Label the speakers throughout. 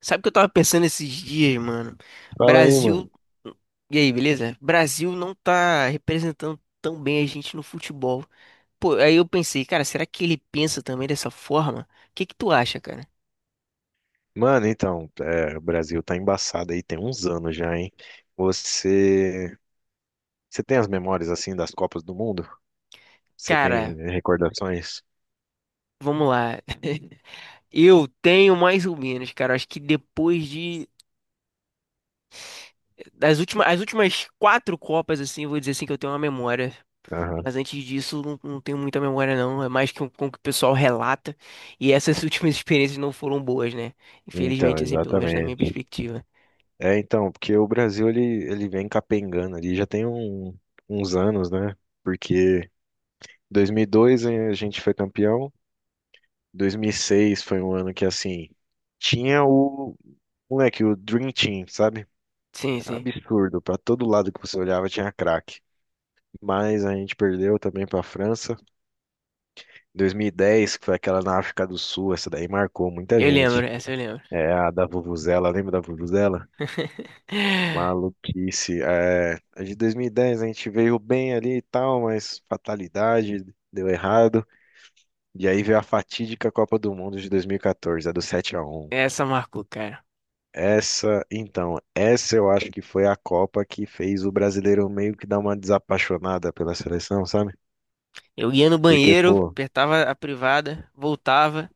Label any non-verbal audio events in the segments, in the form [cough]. Speaker 1: Sabe o que eu tava pensando esses dias, mano?
Speaker 2: Fala aí, mano.
Speaker 1: Brasil. E aí, beleza? Brasil não tá representando tão bem a gente no futebol. Pô, aí eu pensei, cara, será que ele pensa também dessa forma? O que que tu acha, cara?
Speaker 2: Mano, então, o Brasil tá embaçado aí, tem uns anos já, hein? Você, você tem as memórias assim das Copas do Mundo? Você
Speaker 1: Cara,
Speaker 2: tem recordações?
Speaker 1: vamos lá. [laughs] Eu tenho mais ou menos, cara. Acho que depois de. As últimas quatro Copas, assim, eu vou dizer assim que eu tenho uma memória.
Speaker 2: Aham.
Speaker 1: Mas antes disso, não, não tenho muita memória, não. É mais que com o que o pessoal relata. E essas [laughs] últimas experiências não foram boas, né?
Speaker 2: Então,
Speaker 1: Infelizmente, assim, pelo menos na minha
Speaker 2: exatamente.
Speaker 1: perspectiva.
Speaker 2: Porque ele vem capengando ali já uns anos, né? Porque 2002 a gente foi campeão. 2006 foi um ano que assim tinha o moleque, o Dream Team, sabe?
Speaker 1: Sim,
Speaker 2: Era
Speaker 1: sim.
Speaker 2: absurdo, pra todo lado que você olhava tinha craque. Mas a gente perdeu também para a França. 2010, que foi aquela na África do Sul, essa daí marcou muita
Speaker 1: Eu lembro,
Speaker 2: gente.
Speaker 1: essa eu lembro.
Speaker 2: É a da Vuvuzela, lembra da Vuvuzela?
Speaker 1: [laughs]
Speaker 2: Maluquice. É, a de 2010 a gente veio bem ali e tal, mas fatalidade, deu errado. E aí veio a fatídica Copa do Mundo de 2014, a do 7-1.
Speaker 1: Essa marcou, cara.
Speaker 2: Essa, essa eu acho que foi a Copa que fez o brasileiro meio que dar uma desapaixonada pela seleção, sabe?
Speaker 1: Eu ia no
Speaker 2: Porque,
Speaker 1: banheiro,
Speaker 2: pô,
Speaker 1: apertava a privada, voltava,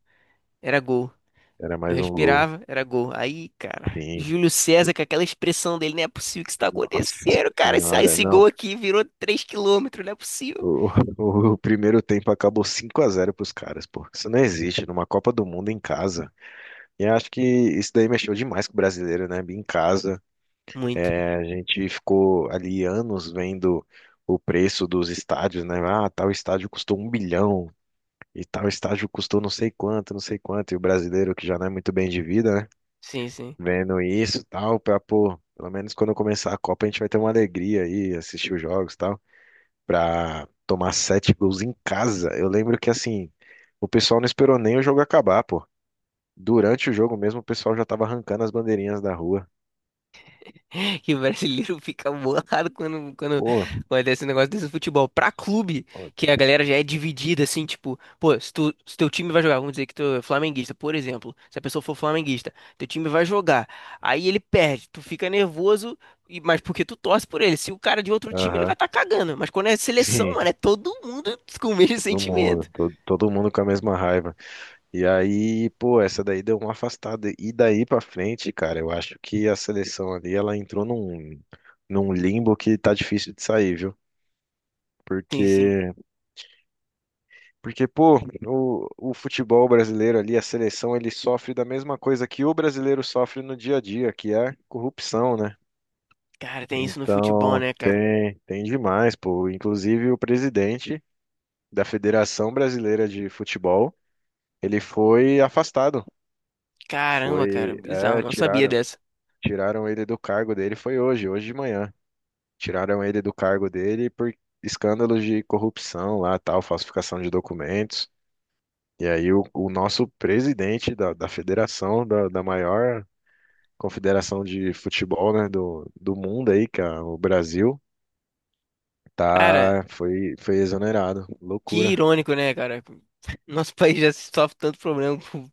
Speaker 1: era gol.
Speaker 2: era
Speaker 1: Eu
Speaker 2: mais um gol.
Speaker 1: respirava, era gol. Aí, cara,
Speaker 2: Sim,
Speaker 1: Júlio César com aquela expressão dele, não é possível que isso tá
Speaker 2: Nossa
Speaker 1: acontecendo, cara. Esse,
Speaker 2: Senhora,
Speaker 1: esse
Speaker 2: não.
Speaker 1: gol aqui virou 3 quilômetros, não é possível.
Speaker 2: O, [laughs] o primeiro tempo acabou 5 a 0 pros caras, pô. Isso não existe numa Copa do Mundo em casa. E eu acho que isso daí mexeu demais com o brasileiro, né? Em casa,
Speaker 1: Muito.
Speaker 2: é, a gente ficou ali anos vendo o preço dos estádios, né? Ah, tal estádio custou um bilhão e tal estádio custou não sei quanto, não sei quanto. E o brasileiro, que já não é muito bem de vida, né?
Speaker 1: Sim, sim.
Speaker 2: Vendo isso, e tal, pra, pô, pelo menos quando começar a Copa a gente vai ter uma alegria aí, assistir os jogos, e tal, pra tomar 7 gols em casa. Eu lembro que, assim, o pessoal não esperou nem o jogo acabar, pô. Durante o jogo mesmo, o pessoal já tava arrancando as bandeirinhas da rua.
Speaker 1: [laughs] Que o brasileiro fica bolado quando, quando
Speaker 2: Pô,
Speaker 1: acontece um negócio desse no futebol. Pra clube, que a galera já é dividida, assim, tipo, pô, se teu time vai jogar, vamos dizer que tu é flamenguista, por exemplo, se a pessoa for flamenguista, teu time vai jogar, aí ele perde, tu fica nervoso, mas porque tu torce por ele. Se o cara de outro time, ele vai
Speaker 2: aham.
Speaker 1: estar cagando. Mas quando é
Speaker 2: [laughs]
Speaker 1: seleção,
Speaker 2: Sim,
Speaker 1: mano, é todo mundo [laughs] com o mesmo
Speaker 2: todo
Speaker 1: sentimento.
Speaker 2: mundo, todo, todo mundo com a mesma raiva. E aí, pô, essa daí deu uma afastada. E daí pra frente, cara, eu acho que a seleção ali, ela entrou num limbo que tá difícil de sair, viu?
Speaker 1: Sim, sim.
Speaker 2: Porque Porque pô, o futebol brasileiro ali, a seleção, ele sofre da mesma coisa que o brasileiro sofre no dia a dia, que é corrupção, né?
Speaker 1: Cara, tem isso no futebol,
Speaker 2: Então,
Speaker 1: né, cara?
Speaker 2: tem demais, pô. Inclusive, o presidente da Federação Brasileira de Futebol, ele foi afastado.
Speaker 1: Caramba, cara,
Speaker 2: Foi,
Speaker 1: bizarro,
Speaker 2: é,
Speaker 1: não sabia dessa.
Speaker 2: tiraram ele do cargo dele, foi hoje de manhã. Tiraram ele do cargo dele por escândalos de corrupção lá, tal, falsificação de documentos. E aí o nosso presidente da federação, da maior confederação de futebol, né, do mundo aí, que é o Brasil,
Speaker 1: Cara,
Speaker 2: tá, foi exonerado.
Speaker 1: que
Speaker 2: Loucura.
Speaker 1: irônico, né, cara? Nosso país já sofre tanto problema com-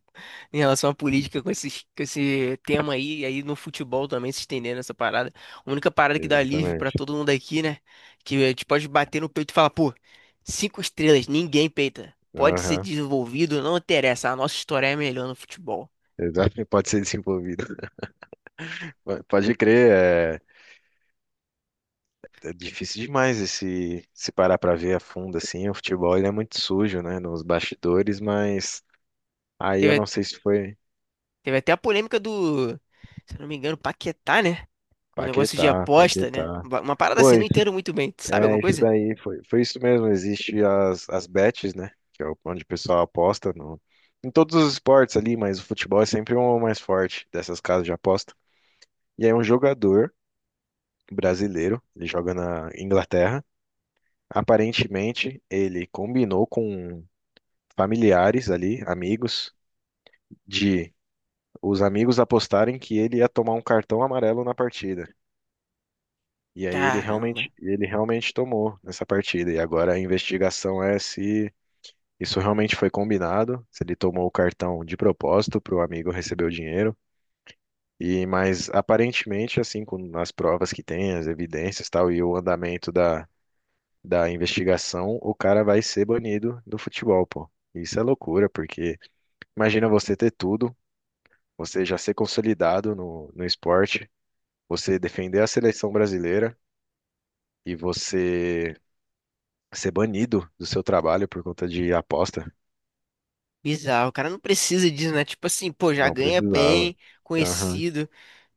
Speaker 1: em relação à política com esses, com esse tema aí, e aí no futebol também se estendendo essa parada. A única parada que dá alívio pra
Speaker 2: Exatamente.
Speaker 1: todo mundo aqui, né? Que a gente pode bater no peito e falar, pô, cinco estrelas, ninguém peita. Pode ser
Speaker 2: Aham.
Speaker 1: desenvolvido, não interessa. A nossa história é melhor no futebol.
Speaker 2: Exatamente. Pode ser desenvolvido. [laughs] Pode crer, é, é difícil demais esse, se parar pra ver a fundo assim. O futebol ele é muito sujo, né, nos bastidores, mas aí eu
Speaker 1: Teve,
Speaker 2: não sei se foi
Speaker 1: teve até a polêmica do, se eu não me engano, Paquetá, né? Um negócio de
Speaker 2: Paquetá,
Speaker 1: aposta, né?
Speaker 2: Paquetá.
Speaker 1: Uma parada
Speaker 2: Pô,
Speaker 1: assim, não entendo muito bem. Tu sabe alguma
Speaker 2: é, isso
Speaker 1: coisa?
Speaker 2: daí foi, foi isso mesmo. Existe as bets, né? Onde o pessoal aposta no, em todos os esportes ali, mas o futebol é sempre o mais forte dessas casas de aposta. E aí um jogador brasileiro, ele joga na Inglaterra. Aparentemente, ele combinou com familiares ali, amigos, de os amigos apostarem que ele ia tomar um cartão amarelo na partida. E aí
Speaker 1: Caramba.
Speaker 2: ele realmente tomou nessa partida. E agora a investigação é se isso realmente foi combinado, se ele tomou o cartão de propósito para o amigo receber o dinheiro. E mas aparentemente, assim, com as provas que tem, as evidências, e tal, e o andamento da investigação, o cara vai ser banido do futebol, pô. Isso é loucura, porque imagina você ter tudo, você já ser consolidado no esporte, você defender a seleção brasileira e você ser banido do seu trabalho por conta de aposta.
Speaker 1: Bizarro, o cara não precisa disso, né? Tipo assim, pô, já
Speaker 2: Não
Speaker 1: ganha
Speaker 2: precisava.
Speaker 1: bem,
Speaker 2: Aham.
Speaker 1: conhecido,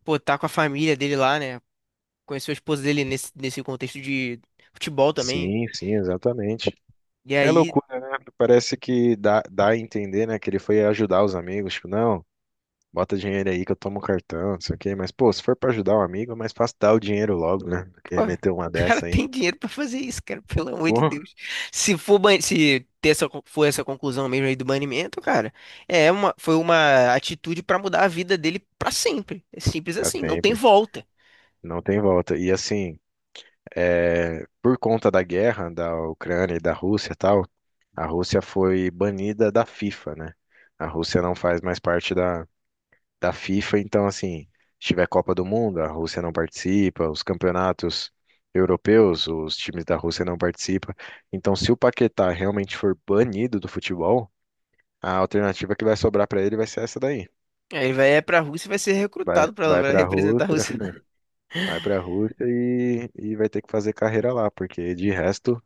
Speaker 1: pô, tá com a família dele lá, né? Conheceu a esposa dele nesse contexto de futebol também.
Speaker 2: Sim, sim, exatamente.
Speaker 1: E
Speaker 2: É
Speaker 1: aí,
Speaker 2: loucura, né? Parece que dá a entender, né, que ele foi ajudar os amigos, tipo, não, bota dinheiro aí que eu tomo o cartão, não sei o quê, mas, pô, se for pra ajudar um amigo, é mais fácil dar o dinheiro logo, né, do que
Speaker 1: pô, o
Speaker 2: meter uma
Speaker 1: cara [laughs]
Speaker 2: dessa aí.
Speaker 1: tem dinheiro pra fazer isso, cara, pelo amor de
Speaker 2: Pô,
Speaker 1: Deus. Se for, ban- se ter essa, con- for essa conclusão mesmo aí do banimento, cara, é uma, foi uma atitude pra mudar a vida dele pra sempre. É simples
Speaker 2: pra
Speaker 1: assim, não tem
Speaker 2: sempre.
Speaker 1: volta.
Speaker 2: Não tem volta. E assim, é, por conta da guerra da Ucrânia e da Rússia e tal, a Rússia foi banida da FIFA, né? A Rússia não faz mais parte da FIFA. Então, assim, se tiver Copa do Mundo, a Rússia não participa, os campeonatos europeus, os times da Rússia não participam. Então, se o Paquetá realmente for banido do futebol, a alternativa que vai sobrar para ele vai ser essa daí.
Speaker 1: Aí ele vai pra Rússia e vai ser recrutado pra
Speaker 2: Vai
Speaker 1: pra
Speaker 2: para a
Speaker 1: representar a
Speaker 2: Rússia,
Speaker 1: Rússia.
Speaker 2: [laughs] vai para a Rússia e vai ter que fazer carreira lá, porque de resto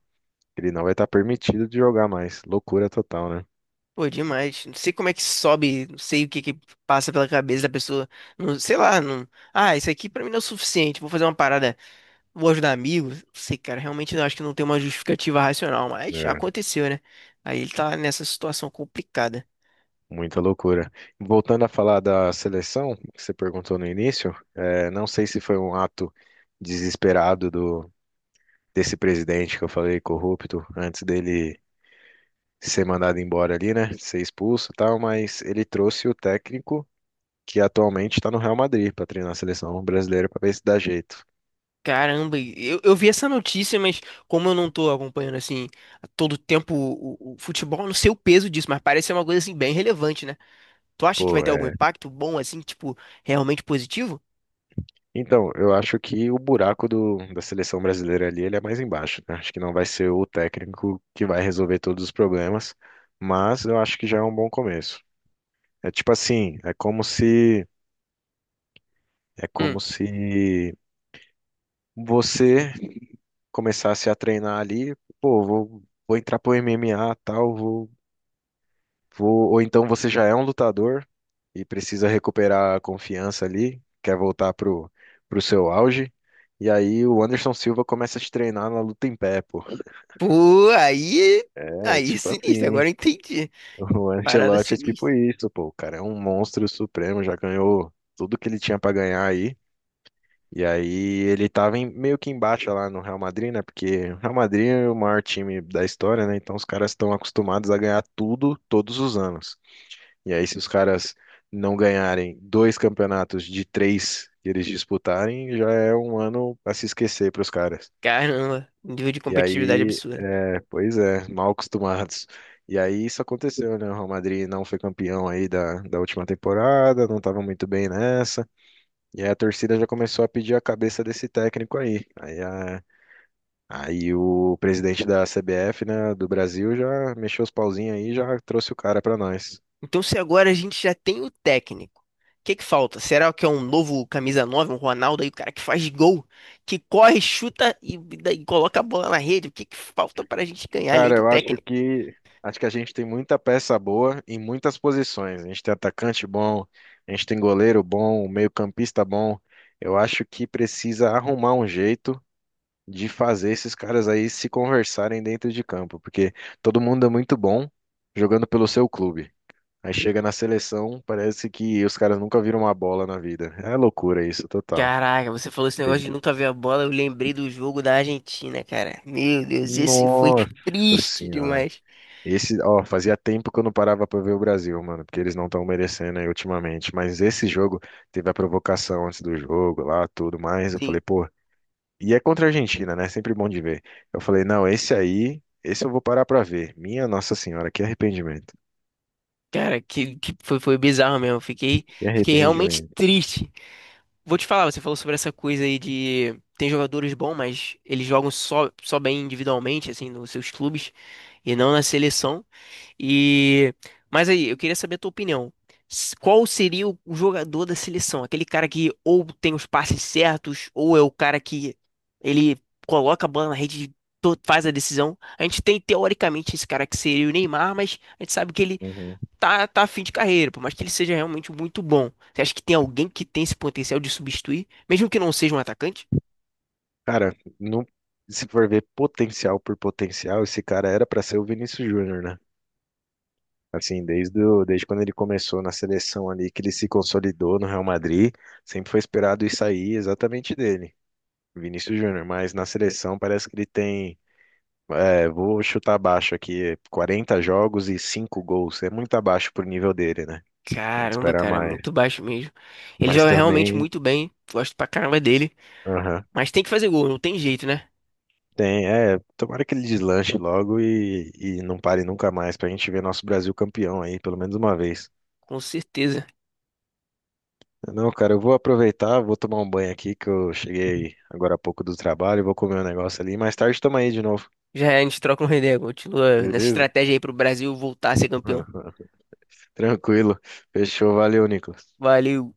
Speaker 2: ele não vai estar permitido de jogar mais. Loucura total, né?
Speaker 1: Pô, demais. Não sei como é que sobe, não sei o que que passa pela cabeça da pessoa. Não, sei lá, não. Ah, isso aqui pra mim não é o suficiente. Vou fazer uma parada, vou ajudar amigos. Não sei, cara, realmente eu acho que não tem uma justificativa racional, mas
Speaker 2: É.
Speaker 1: aconteceu, né? Aí ele tá nessa situação complicada.
Speaker 2: Muita loucura. Voltando a falar da seleção, que você perguntou no início, eh, não sei se foi um ato desesperado desse presidente que eu falei, corrupto, antes dele ser mandado embora ali, né? Ser expulso e tal, mas ele trouxe o técnico que atualmente está no Real Madrid para treinar a seleção brasileira para ver se dá jeito.
Speaker 1: Caramba, e eu vi essa notícia, mas como eu não tô acompanhando assim a todo tempo o futebol, eu não sei o peso disso, mas parece ser uma coisa assim bem relevante, né? Tu acha que vai
Speaker 2: Pô,
Speaker 1: ter algum impacto bom assim, tipo, realmente positivo?
Speaker 2: então, eu acho que o buraco da seleção brasileira ali, ele é mais embaixo, né? Acho que não vai ser o técnico que vai resolver todos os problemas, mas eu acho que já é um bom começo. É tipo assim, é como se você começasse a treinar ali, pô, vou entrar pro MMA, tal, vou, vou, ou então você já é um lutador e precisa recuperar a confiança ali, quer voltar pro seu auge. E aí o Anderson Silva começa a te treinar na luta em pé, pô.
Speaker 1: Pô, aí,
Speaker 2: É
Speaker 1: aí é
Speaker 2: tipo
Speaker 1: sinistro,
Speaker 2: assim,
Speaker 1: agora eu entendi.
Speaker 2: o
Speaker 1: Parada
Speaker 2: Ancelotti é tipo
Speaker 1: sinistra.
Speaker 2: isso, pô. O cara é um monstro supremo, já ganhou tudo que ele tinha pra ganhar aí. E aí ele meio que embaixo lá no Real Madrid, né? Porque o Real Madrid é o maior time da história, né? Então os caras estão acostumados a ganhar tudo todos os anos. E aí se os caras não ganharem dois campeonatos de três que eles disputarem, já é um ano pra se esquecer pros caras.
Speaker 1: Caramba, nível de
Speaker 2: E
Speaker 1: competitividade
Speaker 2: aí,
Speaker 1: absurdo.
Speaker 2: é, pois é, mal acostumados. E aí isso aconteceu, né? O Real Madrid não foi campeão aí da última temporada, não estava muito bem nessa. E aí a torcida já começou a pedir a cabeça desse técnico aí. Aí o presidente da CBF, né, do Brasil já mexeu os pauzinhos aí e já trouxe o cara para nós.
Speaker 1: Então, se agora a gente já tem o técnico, o que que falta? Será que é um novo camisa 9, um Ronaldo aí, o cara que faz gol, que corre, chuta e coloca a bola na rede? O que que falta pra gente ganhar além
Speaker 2: Cara,
Speaker 1: do
Speaker 2: eu
Speaker 1: técnico?
Speaker 2: acho que a gente tem muita peça boa em muitas posições. A gente tem atacante bom, a gente tem goleiro bom, um meio-campista bom. Eu acho que precisa arrumar um jeito de fazer esses caras aí se conversarem dentro de campo, porque todo mundo é muito bom jogando pelo seu clube. Aí chega na seleção, parece que os caras nunca viram uma bola na vida. É loucura isso, total.
Speaker 1: Caraca, você falou esse negócio
Speaker 2: Tem
Speaker 1: de
Speaker 2: que...
Speaker 1: nunca ver a bola, eu lembrei do jogo da Argentina, cara. Meu Deus, esse foi
Speaker 2: Nossa
Speaker 1: triste
Speaker 2: Senhora.
Speaker 1: demais.
Speaker 2: Esse, ó, fazia tempo que eu não parava pra ver o Brasil, mano, porque eles não estão merecendo aí ultimamente. Mas esse jogo teve a provocação antes do jogo lá, tudo mais. Eu falei,
Speaker 1: Sim.
Speaker 2: pô, e é contra a Argentina, né? Sempre bom de ver. Eu falei, não, esse aí, esse eu vou parar pra ver. Minha Nossa Senhora, que arrependimento.
Speaker 1: Cara, que foi bizarro mesmo. Eu Fiquei,
Speaker 2: Que
Speaker 1: fiquei realmente
Speaker 2: arrependimento.
Speaker 1: triste. Vou te falar, você falou sobre essa coisa aí de tem jogadores bons, mas eles jogam só bem individualmente, assim, nos seus clubes e não na seleção. E mas aí, eu queria saber a tua opinião. Qual seria o jogador da seleção? Aquele cara que ou tem os passes certos, ou é o cara que ele coloca a bola na rede, e faz a decisão. A gente tem teoricamente esse cara que seria o Neymar, mas a gente sabe que ele
Speaker 2: Uhum.
Speaker 1: tá a fim de carreira, por mais que ele seja realmente muito bom. Você acha que tem alguém que tem esse potencial de substituir, mesmo que não seja um atacante?
Speaker 2: Cara, não, se for ver potencial por potencial, esse cara era pra ser o Vinícius Júnior, né? Assim, desde quando ele começou na seleção ali, que ele se consolidou no Real Madrid, sempre foi esperado isso aí exatamente dele, Vinícius Júnior. Mas na seleção parece que ele tem, é, vou chutar abaixo aqui, 40 jogos e 5 gols. É muito abaixo pro nível dele, né? A gente
Speaker 1: Caramba,
Speaker 2: espera
Speaker 1: cara, é
Speaker 2: mais.
Speaker 1: muito baixo mesmo. Ele
Speaker 2: Mas
Speaker 1: joga realmente
Speaker 2: também,
Speaker 1: muito bem, gosto pra caramba dele,
Speaker 2: aham,
Speaker 1: mas tem que fazer gol, não tem jeito, né?
Speaker 2: tem, é, tomara que ele deslanche logo e não pare nunca mais pra gente ver nosso Brasil campeão aí, pelo menos uma vez.
Speaker 1: Com certeza.
Speaker 2: Não, cara, eu vou aproveitar, vou tomar um banho aqui, que eu cheguei agora há pouco do trabalho, vou comer um negócio ali. Mais tarde tamo aí de novo,
Speaker 1: Já é, a gente troca um ideia, continua nessa
Speaker 2: beleza?
Speaker 1: estratégia aí pro Brasil voltar a ser campeão.
Speaker 2: [laughs] Tranquilo. Fechou, valeu, Nicolas.
Speaker 1: Valeu.